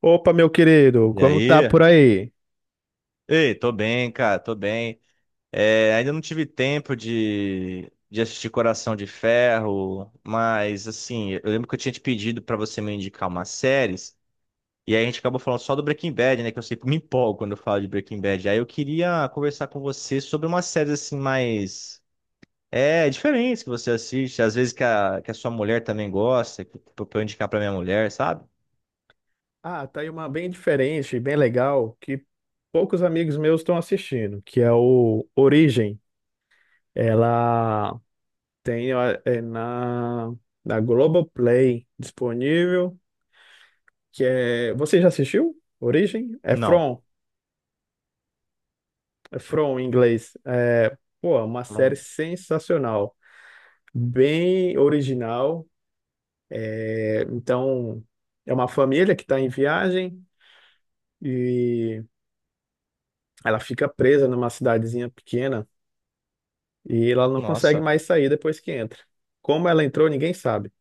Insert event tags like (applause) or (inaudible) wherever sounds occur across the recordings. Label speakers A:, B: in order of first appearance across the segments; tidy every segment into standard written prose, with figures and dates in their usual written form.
A: Opa, meu querido,
B: E
A: como tá
B: aí?
A: por aí?
B: Ei, tô bem, cara, tô bem. É, ainda não tive tempo de assistir Coração de Ferro, mas assim, eu lembro que eu tinha te pedido pra você me indicar umas séries, e aí a gente acabou falando só do Breaking Bad, né? Que eu sempre me empolgo quando eu falo de Breaking Bad. Aí eu queria conversar com você sobre umas séries assim mais diferentes que você assiste, às vezes que a sua mulher também gosta, que, pra eu indicar pra minha mulher, sabe?
A: Ah, tá aí uma bem diferente, bem legal, que poucos amigos meus estão assistindo, que é o Origem. Ela tem ó, é na Globoplay disponível, que é... Você já assistiu? Origem?
B: Não.
A: É From em inglês. É, pô, é uma série
B: Não.
A: sensacional, bem original. É, então, é uma família que está em viagem e ela fica presa numa cidadezinha pequena e ela não consegue
B: Nossa.
A: mais sair depois que entra. Como ela entrou, ninguém sabe.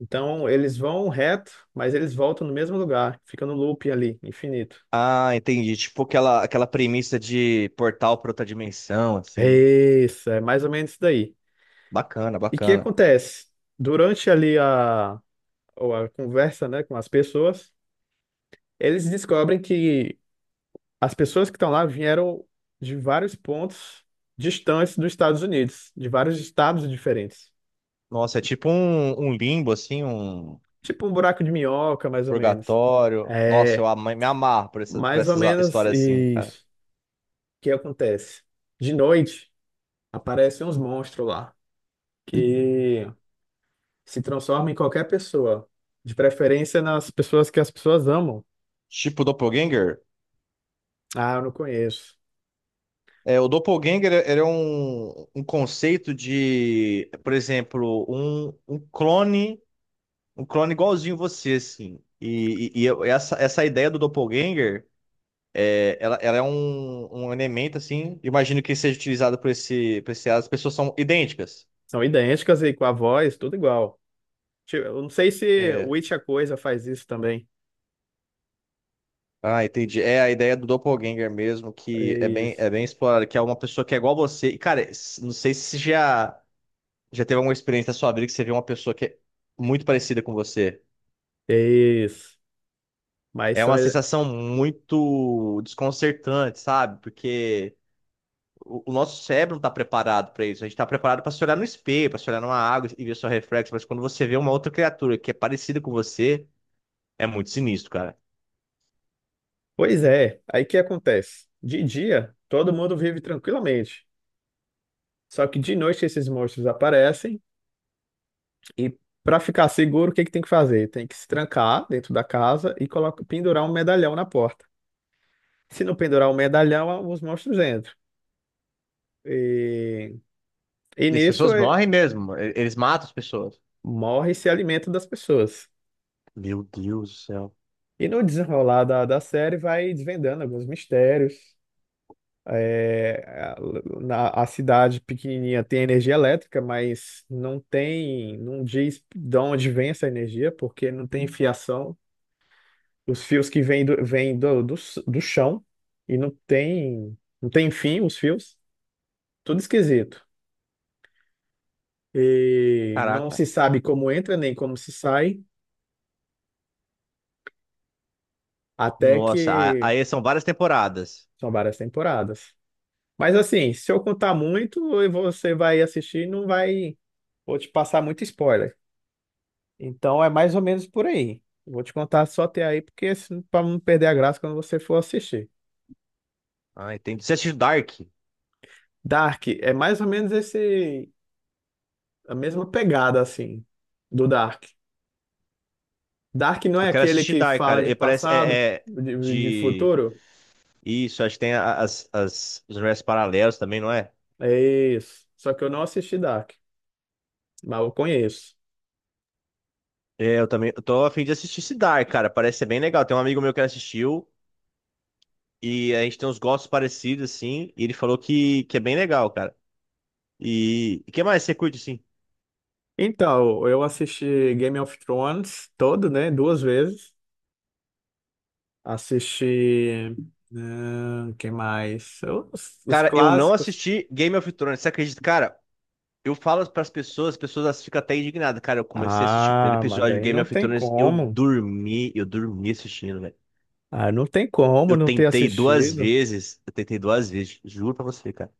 A: Então eles vão reto, mas eles voltam no mesmo lugar, fica no loop ali, infinito.
B: Ah, entendi. Tipo aquela premissa de portal para outra dimensão, assim.
A: É isso, é mais ou menos isso daí.
B: Bacana,
A: E o que
B: bacana.
A: acontece? Durante ali a, ou a conversa, né, com as pessoas, eles descobrem que as pessoas que estão lá vieram de vários pontos distantes dos Estados Unidos, de vários estados diferentes.
B: Nossa, é tipo um limbo, assim, um
A: Tipo um buraco de minhoca, mais ou menos.
B: purgatório. Nossa,
A: É,
B: me amarro por
A: mais ou menos
B: histórias assim, cara.
A: isso. O que acontece? De noite, aparecem uns monstros lá que se transformam em qualquer pessoa. De preferência nas pessoas que as pessoas amam.
B: Tipo Doppelganger?
A: Ah, eu não conheço.
B: É, o Doppelganger era um conceito de, por exemplo, um clone, um clone igualzinho você, assim. Essa, essa ideia do Doppelganger. É, ela é um elemento, assim, imagino que seja utilizado por esse as pessoas são idênticas.
A: São idênticas e com a voz, tudo igual. Tipo, eu não sei se o
B: É.
A: It a Coisa faz isso também.
B: Ah, entendi. É a ideia do doppelganger mesmo, que
A: Isso.
B: é bem explorada, que é uma pessoa que é igual a você. E, cara, não sei se já, já teve alguma experiência na sua vida que você viu uma pessoa que é muito parecida com você.
A: Isso. Mas
B: É
A: são.
B: uma sensação muito desconcertante, sabe? Porque o nosso cérebro não está preparado para isso. A gente está preparado para se olhar no espelho, para se olhar numa água e ver seu reflexo. Mas quando você vê uma outra criatura que é parecida com você, é muito sinistro, cara.
A: Pois é. Aí o que acontece? De dia, todo mundo vive tranquilamente. Só que de noite esses monstros aparecem e, para ficar seguro, o que que tem que fazer? Tem que se trancar dentro da casa e coloca, pendurar um medalhão na porta. Se não pendurar um medalhão, os monstros entram. E, e
B: E as
A: nisso
B: pessoas morrem mesmo. Eles matam as pessoas.
A: morre e se alimenta das pessoas.
B: Meu Deus do céu.
A: E no desenrolar da série vai desvendando alguns mistérios. É a, a cidade pequenininha tem energia elétrica, mas não tem, não diz de onde vem essa energia, porque não tem fiação. Os fios que vêm do chão e não tem, não tem fim, os fios. Tudo esquisito. E não
B: Caraca.
A: se sabe como entra nem como se sai, até
B: Nossa,
A: que
B: aí são várias temporadas.
A: são várias temporadas. Mas assim, se eu contar muito, e você vai assistir, e não vai. Vou te passar muito spoiler. Então é mais ou menos por aí. Vou te contar só até aí, porque para não perder a graça quando você for assistir.
B: Ah, entendi. Você assistiu Dark?
A: Dark é mais ou menos esse, a mesma pegada assim do Dark. Dark não é
B: Eu quero
A: aquele
B: assistir
A: que
B: Dark, cara.
A: fala de
B: Ele parece.
A: passado,
B: É, é
A: de
B: de.
A: futuro?
B: Isso, acho que tem os universos paralelos também, não é?
A: É isso. Só que eu não assisti Dark, mas eu conheço.
B: É, eu também. Eu tô a fim de assistir esse Dark, cara. Parece ser bem legal. Tem um amigo meu que assistiu. E a gente tem uns gostos parecidos, assim. E ele falou que é bem legal, cara. E o que mais você curte, assim?
A: Então, eu assisti Game of Thrones todo, né? Duas vezes. Assisti. Ah, quem mais? Os
B: Cara, eu não
A: clássicos.
B: assisti Game of Thrones, você acredita? Cara, eu falo pras pessoas, as pessoas elas ficam até indignadas. Cara, eu comecei a assistir o primeiro
A: Ah, mas
B: episódio de
A: daí
B: Game
A: não
B: of
A: tem
B: Thrones,
A: como.
B: eu dormi assistindo, velho.
A: Ah, não tem como
B: Eu
A: não ter
B: tentei duas
A: assistido.
B: vezes, eu tentei duas vezes, juro pra você, cara.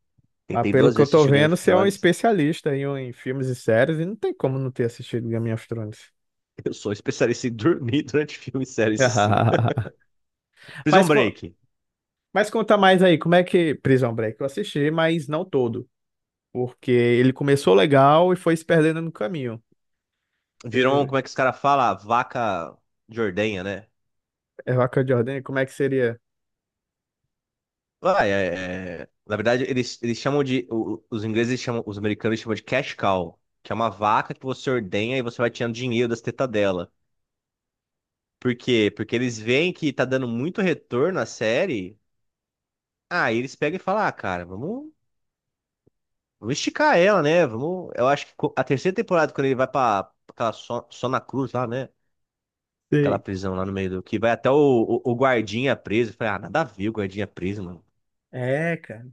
A: Mas
B: Tentei
A: pelo
B: duas
A: que eu
B: vezes
A: tô
B: assistir o Game
A: vendo,
B: of
A: você é um
B: Thrones. (laughs)
A: especialista em filmes e séries, e não tem como não ter assistido Game of Thrones.
B: Eu sou especialista em dormir (laughs) durante filme e série, isso sim.
A: (laughs)
B: (laughs) Prison
A: Mas, co-
B: Break.
A: mas conta mais aí, como é que Prison Break? Eu assisti, mas não todo. Porque ele começou legal e foi se perdendo no caminho.
B: Virou,
A: Teve
B: como é que os caras falam? Vaca de ordenha, né?
A: é vaca de ordem, como é que seria?
B: Ah, na verdade, eles chamam os ingleses chamam, os americanos chamam de cash cow, que é uma vaca que você ordenha e você vai tirando dinheiro das tetas dela. Por quê? Porque eles veem que tá dando muito retorno à série. Aí eles pegam e falam, ah, cara, vamos, vamos esticar ela, né? Vamos. Eu acho que a terceira temporada, quando ele vai pra aquela Sona Cruz lá, né? Aquela
A: Sei.
B: prisão lá no meio do. Que vai até o guardinha preso. Eu falei, ah, nada a ver o guardinha preso, mano.
A: É, cara.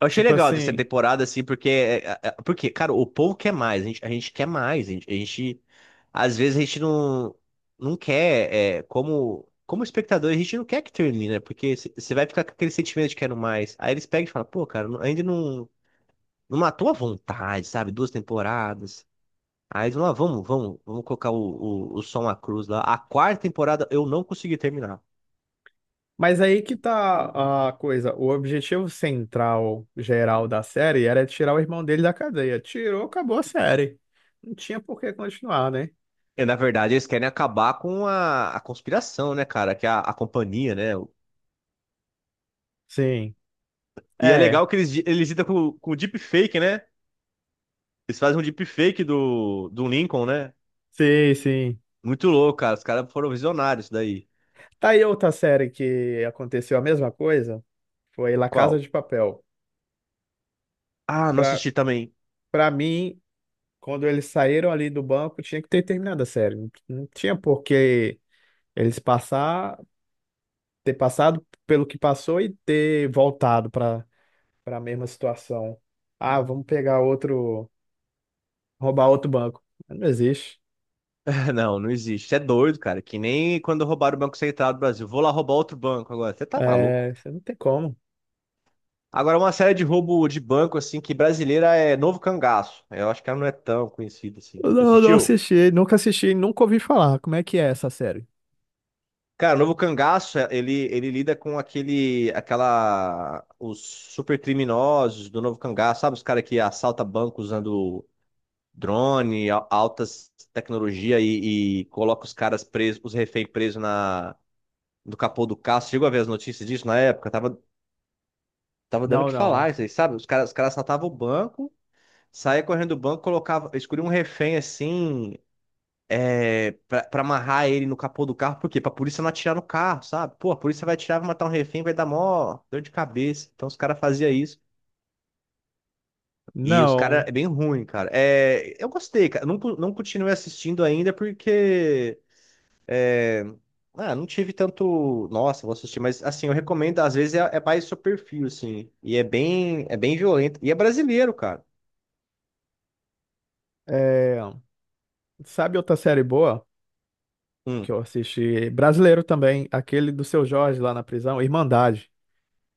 B: Eu achei
A: Tipo
B: legal a terceira
A: assim.
B: temporada, assim, porque, porque, cara, o povo quer mais, a gente quer mais, às vezes a gente não, não quer, é, como espectador, a gente não quer que termine, né? Porque você vai ficar com aquele sentimento de quero mais. Aí eles pegam e falam, pô, cara, ainda não, não matou a vontade, sabe? Duas temporadas. Aí eles vão lá, vamos colocar o som à cruz lá. A quarta temporada eu não consegui terminar.
A: Mas aí que tá a coisa. O objetivo central, geral da série era tirar o irmão dele da cadeia. Tirou, acabou a série. Não tinha por que continuar, né?
B: E, na verdade, eles querem acabar com a conspiração, né, cara? Que é a companhia, né?
A: Sim.
B: E é
A: É.
B: legal que eles lidam com deepfake, né? Eles fazem um deepfake do Lincoln, né?
A: Sim, sim.
B: Muito louco, cara. Os caras foram visionários daí.
A: Tá aí outra série que aconteceu a mesma coisa. Foi La Casa
B: Qual?
A: de Papel.
B: Ah, não
A: Pra,
B: assisti também.
A: pra mim, quando eles saíram ali do banco, tinha que ter terminado a série. Não, não tinha por que eles passar, ter passado pelo que passou e ter voltado pra para a mesma situação. Ah, vamos pegar outro, roubar outro banco. Não existe.
B: (laughs) Não, não existe. Você é doido, cara. Que nem quando roubaram o Banco Central do Brasil. Vou lá roubar outro banco agora. Você tá maluco?
A: É, você não tem como.
B: Agora, uma série de roubo de banco, assim, que brasileira é Novo Cangaço. Eu acho que ela não é tão conhecida assim. Você
A: Não, não
B: assistiu?
A: assisti, nunca assisti, nunca ouvi falar. Como é que é essa série?
B: Cara, o novo cangaço, ele lida com os super criminosos do novo cangaço, sabe? Os caras que assaltam banco usando drone, altas tecnologia e coloca os caras presos, os reféns presos no capô do carro. Você chegou a ver as notícias disso na época? Tava dando o
A: Não,
B: que
A: não.
B: falar isso aí, sabe? Os caras assaltavam o banco, saía correndo do banco, colocava, escolhia um refém assim, é, pra amarrar ele no capô do carro, por quê? Pra polícia não atirar no carro, sabe? Pô, a polícia vai atirar, vai matar um refém, vai dar mó dor de cabeça. Então os caras faziam isso. E os caras,
A: Não.
B: é bem ruim, cara. É, eu gostei, cara. Não, não continuei assistindo ainda porque. é, não tive tanto. Nossa, vou assistir, mas assim, eu recomendo, às vezes é mais seu perfil, assim. E é bem violento. E é brasileiro, cara.
A: É, sabe outra série boa? Que
B: Hum,
A: eu assisti. Brasileiro também, aquele do Seu Jorge lá na prisão, Irmandade.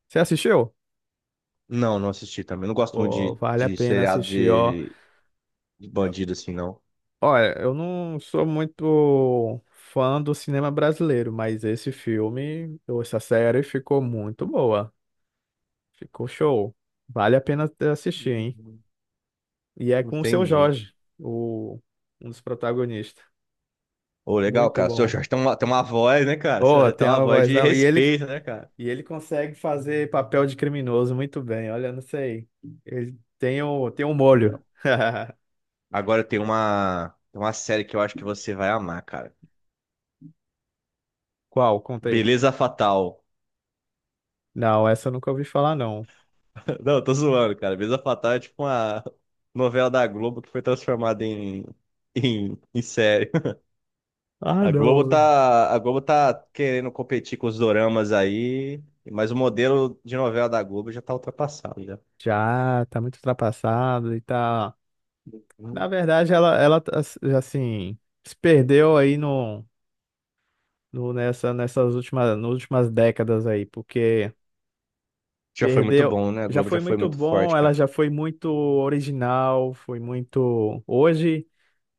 A: Você assistiu?
B: não, não assisti também. Não gosto muito
A: Pô,
B: de,
A: vale a
B: de
A: pena
B: seriado
A: assistir, ó.
B: de
A: Eu-
B: bandido, assim,
A: olha, eu não sou muito fã do cinema brasileiro, mas esse filme, ou essa série ficou muito boa. Ficou show. Vale a pena assistir, hein?
B: não.
A: E é com o Seu
B: Entendi.
A: Jorge, o, um dos protagonistas.
B: Ô, legal,
A: Muito
B: cara. O seu
A: bom.
B: Jorge tem uma voz, né, cara?
A: Pô,
B: Você tem
A: tem
B: uma
A: uma
B: voz de
A: vozão.
B: respeito, né, cara?
A: E ele consegue fazer papel de criminoso muito bem. Olha, não sei. Tem um
B: Legal.
A: molho. (laughs)
B: Agora tem uma série que eu acho que você vai amar, cara.
A: Qual? Conta aí.
B: Beleza Fatal.
A: Não, essa eu nunca ouvi falar, não.
B: (laughs) Não, eu tô zoando, cara. Beleza Fatal é tipo uma novela da Globo que foi transformada em série. (laughs)
A: Ah, não.
B: A Globo tá querendo competir com os doramas aí, mas o modelo de novela da Globo já tá ultrapassado, já.
A: Já tá muito ultrapassado e tá. Na verdade, ela tá, assim, se perdeu aí no, no, nessa, nas últimas décadas aí, porque
B: Já foi muito
A: perdeu.
B: bom, né? A
A: Já
B: Globo já
A: foi
B: foi
A: muito
B: muito
A: bom,
B: forte,
A: ela
B: cara.
A: já foi muito original, foi muito. Hoje.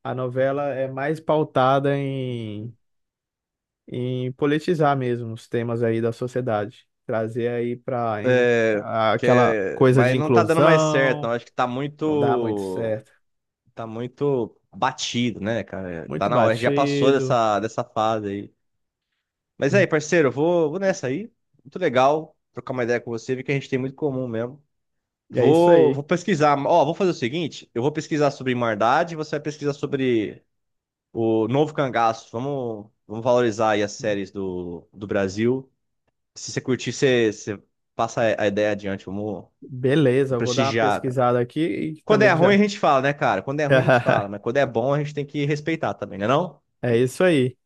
A: A novela é mais pautada em politizar mesmo os temas aí da sociedade. Trazer aí para
B: É, que
A: aquela
B: é,
A: coisa de
B: mas não tá dando mais certo, não.
A: inclusão,
B: Acho que tá
A: não dá muito
B: muito,
A: certo.
B: tá muito batido, né, cara? Tá
A: Muito
B: na hora, a gente já passou
A: batido.
B: dessa, dessa fase aí. Mas
A: Hum.
B: aí, parceiro, eu vou, vou nessa aí. Muito legal trocar uma ideia com você, ver que a gente tem muito em comum mesmo.
A: É isso
B: Vou, vou
A: aí.
B: pesquisar. Ó, vou fazer o seguinte: eu vou pesquisar sobre Irmandade, você vai pesquisar sobre o novo cangaço. Vamos, vamos valorizar aí as
A: Hum.
B: séries do Brasil. Se você curtir, você, você passa a ideia adiante. Vamos
A: Beleza, eu vou dar uma
B: prestigiar.
A: pesquisada aqui e
B: Quando
A: também
B: é
A: que
B: ruim, a
A: já.
B: gente fala, né, cara? Quando é ruim, a gente fala, mas
A: (laughs)
B: quando é bom, a gente tem que respeitar também, né não?
A: É isso aí.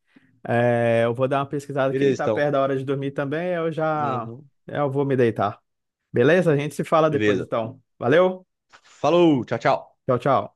A: É, eu vou dar uma pesquisada aqui,
B: Beleza,
A: tá perto
B: então.
A: da hora de dormir também, eu já
B: Uhum.
A: eu vou me deitar. Beleza? A gente se fala depois
B: Beleza.
A: então. Valeu?
B: Falou, tchau, tchau.
A: Tchau, tchau.